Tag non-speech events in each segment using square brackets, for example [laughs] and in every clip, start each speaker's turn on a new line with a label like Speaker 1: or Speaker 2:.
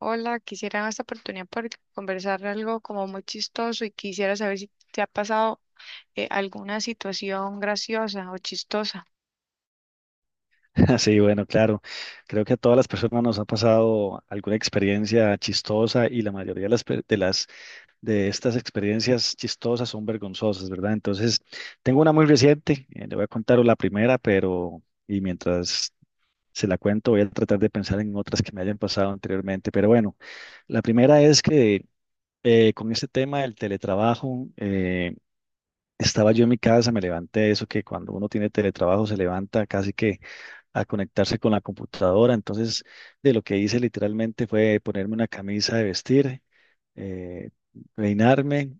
Speaker 1: Hola, quisiera en esta oportunidad por conversar algo como muy chistoso y quisiera saber si te ha pasado alguna situación graciosa o chistosa.
Speaker 2: [laughs] Sí, bueno, claro. Creo que a todas las personas nos ha pasado alguna experiencia chistosa y la mayoría de las, pe- de las de estas experiencias chistosas son vergonzosas, ¿verdad? Entonces, tengo una muy reciente, le voy a contar la primera, mientras se la cuento voy a tratar de pensar en otras que me hayan pasado anteriormente. Pero bueno, la primera es que con este tema del teletrabajo, estaba yo en mi casa, me levanté, eso que cuando uno tiene teletrabajo se levanta casi que a conectarse con la computadora. Entonces, de lo que hice literalmente fue ponerme una camisa de vestir, eh, peinarme,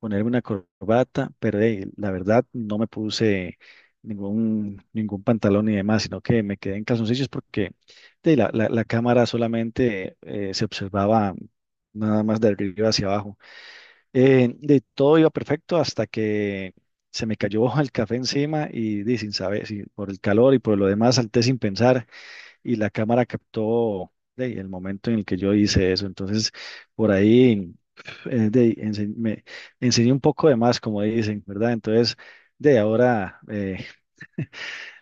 Speaker 2: ponerme una corbata, pero la verdad no me puse ningún pantalón ni demás, sino que me quedé en calzoncillos porque la cámara solamente se observaba nada más de arriba hacia abajo. De todo iba perfecto hasta que se me cayó [laughs] el café encima y sin saber, si por el calor y por lo demás salté sin pensar y la cámara captó el momento en el que yo hice eso. Entonces, por ahí me enseñé un poco de más, como dicen, ¿verdad? Entonces, de ahora, eh,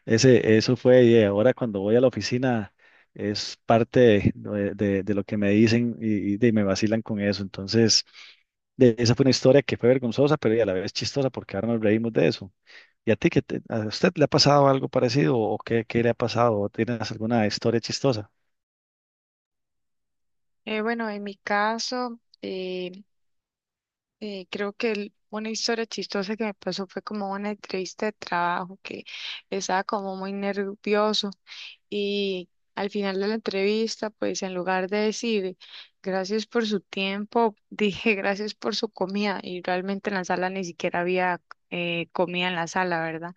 Speaker 2: ese, eso fue, y ahora cuando voy a la oficina es parte de, de lo que me dicen y me vacilan con eso. Entonces, esa fue una historia que fue vergonzosa, pero y a la vez chistosa porque ahora nos reímos de eso. ¿Y a ti, a usted le ha pasado algo parecido o qué, qué le ha pasado? O ¿tienes alguna historia chistosa?
Speaker 1: Bueno, en mi caso, creo que una historia chistosa que me pasó fue como una entrevista de trabajo que estaba como muy nervioso y al final de la entrevista, pues en lugar de decir gracias por su tiempo, [laughs] dije gracias por su comida y realmente en la sala ni siquiera había comida en la sala, ¿verdad?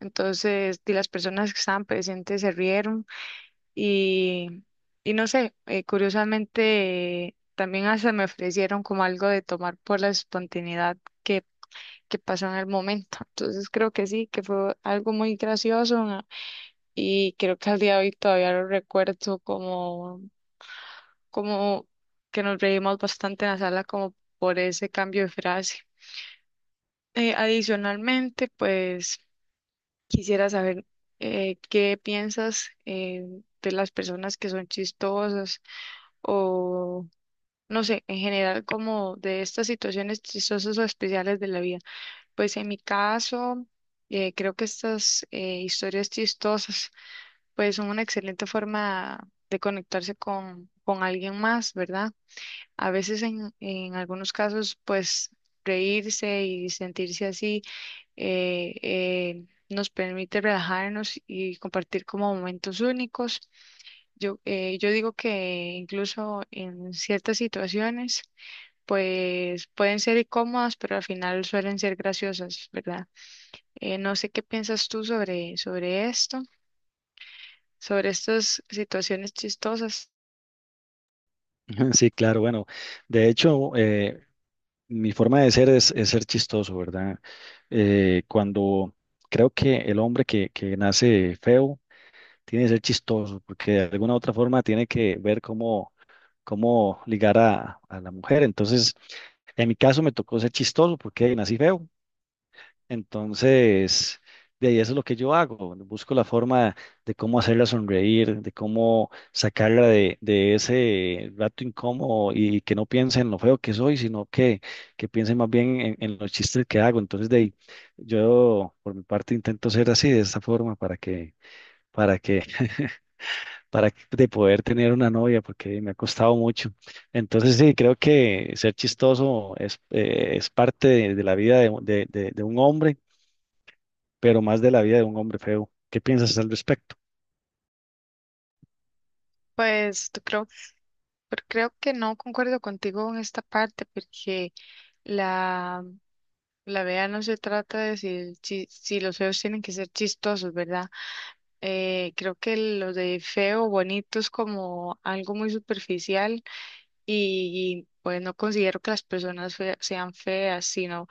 Speaker 1: Entonces, y las personas que estaban presentes se rieron y, y no sé, curiosamente también hasta me ofrecieron como algo de tomar por la espontaneidad que, que pasó en el momento. Entonces creo que sí, que fue algo muy gracioso, ¿no? Y creo que al día de hoy todavía lo recuerdo como, como que nos reímos bastante en la sala como por ese cambio de frase. Adicionalmente, pues quisiera saber qué piensas de las personas que son chistosas o no sé, en general como de estas situaciones chistosas o especiales de la vida. Pues en mi caso, creo que estas historias chistosas pues son una excelente forma de conectarse con alguien más, ¿verdad? A veces en algunos casos pues reírse y sentirse así nos permite relajarnos y compartir como momentos únicos. Yo digo que incluso en ciertas situaciones, pues pueden ser incómodas, pero al final suelen ser graciosas, ¿verdad? No sé qué piensas tú sobre esto, sobre estas situaciones chistosas.
Speaker 2: [laughs] Sí, claro, bueno, de hecho, mi forma de ser es ser chistoso, ¿verdad? Cuando Creo que el hombre que nace feo tiene que ser chistoso, porque de alguna u otra forma tiene que ver cómo, cómo ligar a la mujer. Entonces, en mi caso me tocó ser chistoso porque nací feo. Entonces, de ahí eso es lo que yo hago. Bueno, busco la forma de cómo hacerla sonreír, de cómo sacarla de ese rato incómodo y que no piense en lo feo que soy, sino que piense más bien en los chistes que hago. Entonces, de ahí, yo por mi parte intento ser así, de esta forma, para que, [laughs] para que- de poder tener una novia, porque me ha costado mucho. Entonces, sí, creo que ser chistoso es parte de la vida de un hombre pero más de la vida de un hombre feo. ¿Qué piensas al respecto?
Speaker 1: Pues tú creo, pero creo que no concuerdo contigo en esta parte, porque la, la vea no se trata de si, si los feos tienen que ser chistosos, ¿verdad? Creo que lo de feo, bonito es como algo muy superficial y pues no considero que las personas sean feas, sino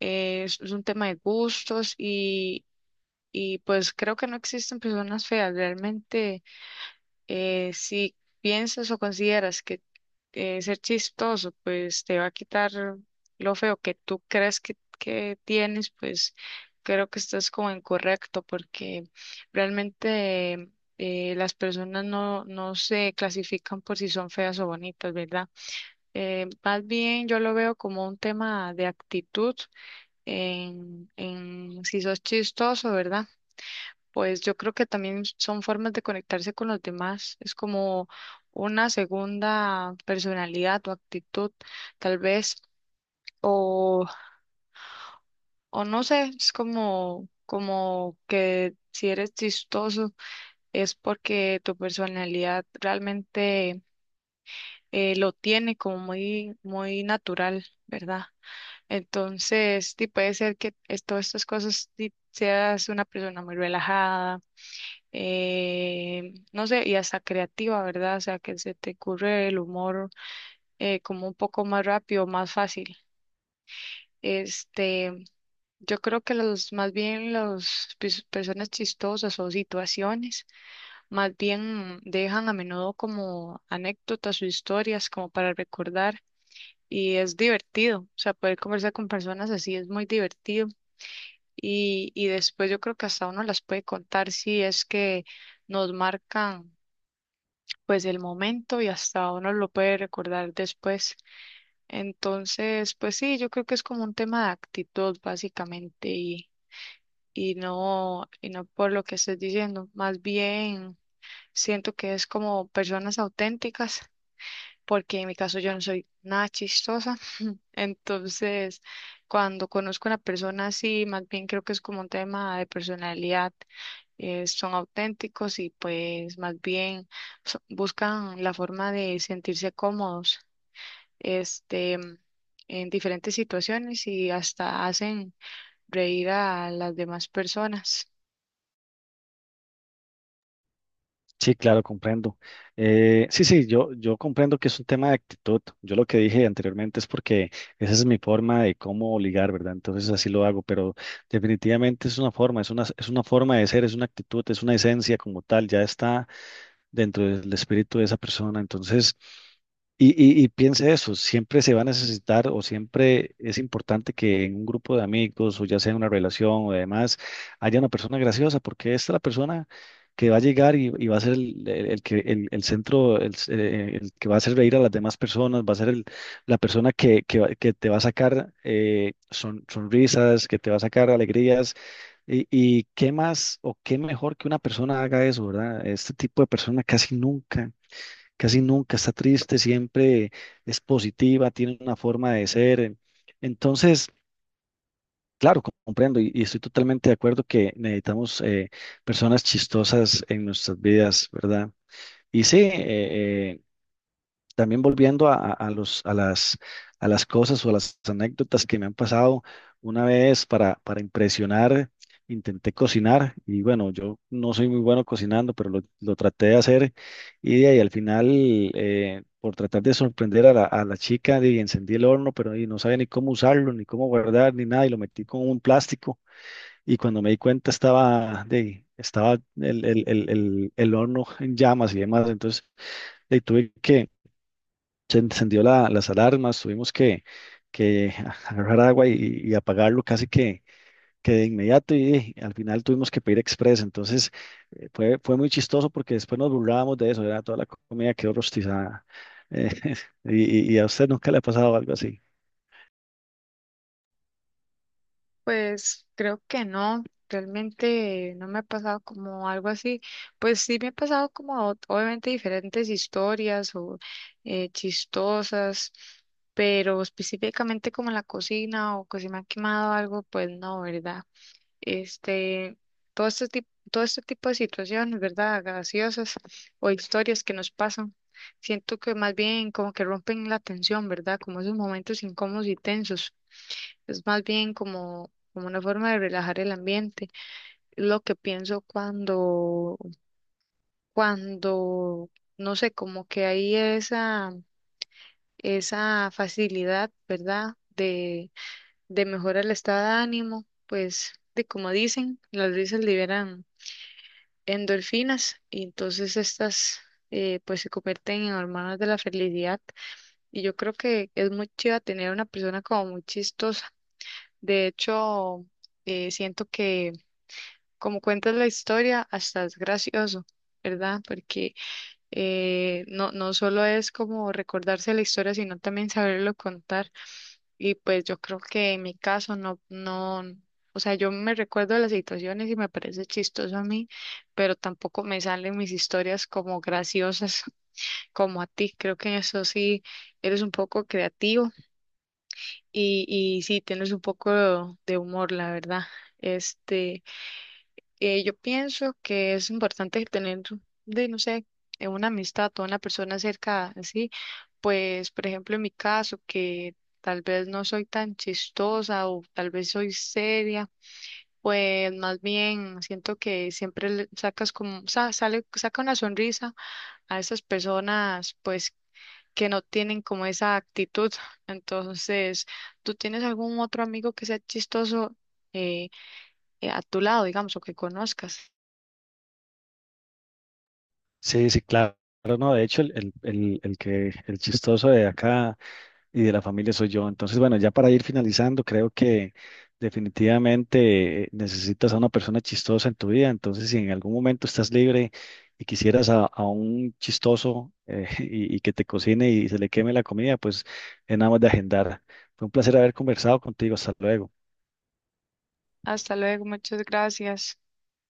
Speaker 1: es un tema de gustos y pues creo que no existen personas feas. Realmente, si piensas o consideras que ser chistoso, pues te va a quitar lo feo que tú crees que tienes, pues creo que estás como incorrecto porque realmente las personas no, no se clasifican por si son feas o bonitas, ¿verdad? Más bien yo lo veo como un tema de actitud en si sos chistoso, ¿verdad? Pues yo creo que también son formas de conectarse con los demás. Es como una segunda personalidad o actitud, tal vez, o, o no sé, es como, como que si eres chistoso es porque tu personalidad realmente lo tiene como muy, muy natural, ¿verdad? Entonces, sí, puede ser que todas estas cosas sí, seas una persona muy relajada, no sé, y hasta creativa, ¿verdad? O sea, que se te ocurre el humor como un poco más rápido, más fácil. Este, yo creo que más bien las personas chistosas o situaciones, más bien dejan a menudo como anécdotas o historias como para recordar. Y es divertido, o sea, poder conversar con personas así es muy divertido y después yo creo que hasta uno las puede contar si es que nos marcan pues el momento y hasta uno lo puede recordar después. Entonces, pues sí, yo creo que es como un tema de actitud básicamente y no por lo que estés diciendo, más bien siento que es como personas auténticas. Porque en mi caso yo no soy nada chistosa. [laughs] Entonces, cuando conozco a una persona así, más bien creo que es como un tema de personalidad son auténticos y pues más bien buscan la forma de sentirse cómodos, este, en diferentes situaciones y hasta hacen reír a las demás personas.
Speaker 2: Sí, claro, comprendo. Sí, sí, yo comprendo que es un tema de actitud. Yo lo que dije anteriormente es porque esa es mi forma de cómo ligar, ¿verdad? Entonces así lo hago, pero definitivamente es una forma, es una forma de ser, es una actitud, es una esencia como tal, ya está dentro del espíritu de esa persona. Entonces, y, y piense eso, siempre se va a necesitar o siempre es importante que en un grupo de amigos o ya sea en una relación o demás haya una persona graciosa porque esta es la persona que va a llegar y va a ser el centro, el que va a hacer reír a las demás personas, va a ser la persona que te va a sacar sonrisas, que te va a sacar alegrías y qué más o qué mejor que una persona haga eso, ¿verdad? Este tipo de persona casi nunca está triste, siempre es positiva, tiene una forma de ser. Entonces, claro, comprendo y estoy totalmente de acuerdo que necesitamos personas chistosas en nuestras vidas, ¿verdad? Y sí, eh, también volviendo a las cosas o a las anécdotas que me han pasado, una vez para impresionar, intenté cocinar y bueno, yo no soy muy bueno cocinando, pero lo traté de hacer y, de ahí al final, por tratar de sorprender a la chica, ahí encendí el horno, pero y no sabía ni cómo usarlo, ni cómo guardar, ni nada, y lo metí con un plástico y cuando me di cuenta estaba el horno en llamas y demás, entonces de ahí tuve que se encendió las alarmas, que [laughs] agarrar agua y apagarlo casi que de inmediato y, al final tuvimos que pedir express. Entonces fue muy chistoso porque después nos burlábamos de eso, era toda la comida quedó rostizada. Eh, [laughs] y a usted nunca le ha pasado algo así.
Speaker 1: Pues creo que no, realmente no me ha pasado como algo así. Pues sí me ha pasado como obviamente diferentes historias o chistosas, pero específicamente como en la cocina o que se me ha quemado algo, pues no, ¿verdad? Este, todo este tipo de situaciones, ¿verdad? Graciosas o historias que nos pasan. Siento que más bien como que rompen la tensión, ¿verdad? Como esos momentos incómodos y tensos. Es más bien como, como una forma de relajar el ambiente. Lo que pienso cuando, cuando, no sé, como que hay esa, esa facilidad, ¿verdad? De mejorar el estado de ánimo, pues, de como dicen, las risas liberan endorfinas y entonces estas pues se convierten en hormonas de la felicidad y yo creo que es muy chido tener una persona como muy chistosa. De hecho, siento que como cuentas la historia, hasta es gracioso, ¿verdad? Porque no, no solo es como recordarse la historia, sino también saberlo contar. Y pues yo creo que en mi caso no, no, o sea, yo me recuerdo de las situaciones y me parece chistoso a mí, pero tampoco me salen mis historias como graciosas [laughs] como a ti. Creo que en eso sí eres un poco creativo y sí tienes un poco de humor, la verdad. Este. Yo pienso que es importante tener, de, no sé, una amistad o una persona cerca, así, pues, por ejemplo, en mi caso, que tal vez no soy tan chistosa o tal vez soy seria, pues más bien siento que siempre le sacas como, sale, saca una sonrisa a esas personas, pues, que no tienen como esa actitud. [laughs] Entonces, ¿tú tienes algún otro amigo que sea chistoso eh, a tu lado, digamos, o que conozcas?
Speaker 2: Sí, sí, claro. No, de hecho, el chistoso de acá y de la familia soy yo. Entonces, bueno, ya para ir finalizando, creo que definitivamente necesitas a una persona chistosa en tu vida. Entonces, si en algún momento estás libre y quisieras a un chistoso [laughs] y que te cocine y se le queme la comida, pues es nada más de agendar. Fue un placer haber conversado contigo. Hasta luego.
Speaker 1: Hasta luego, muchas gracias.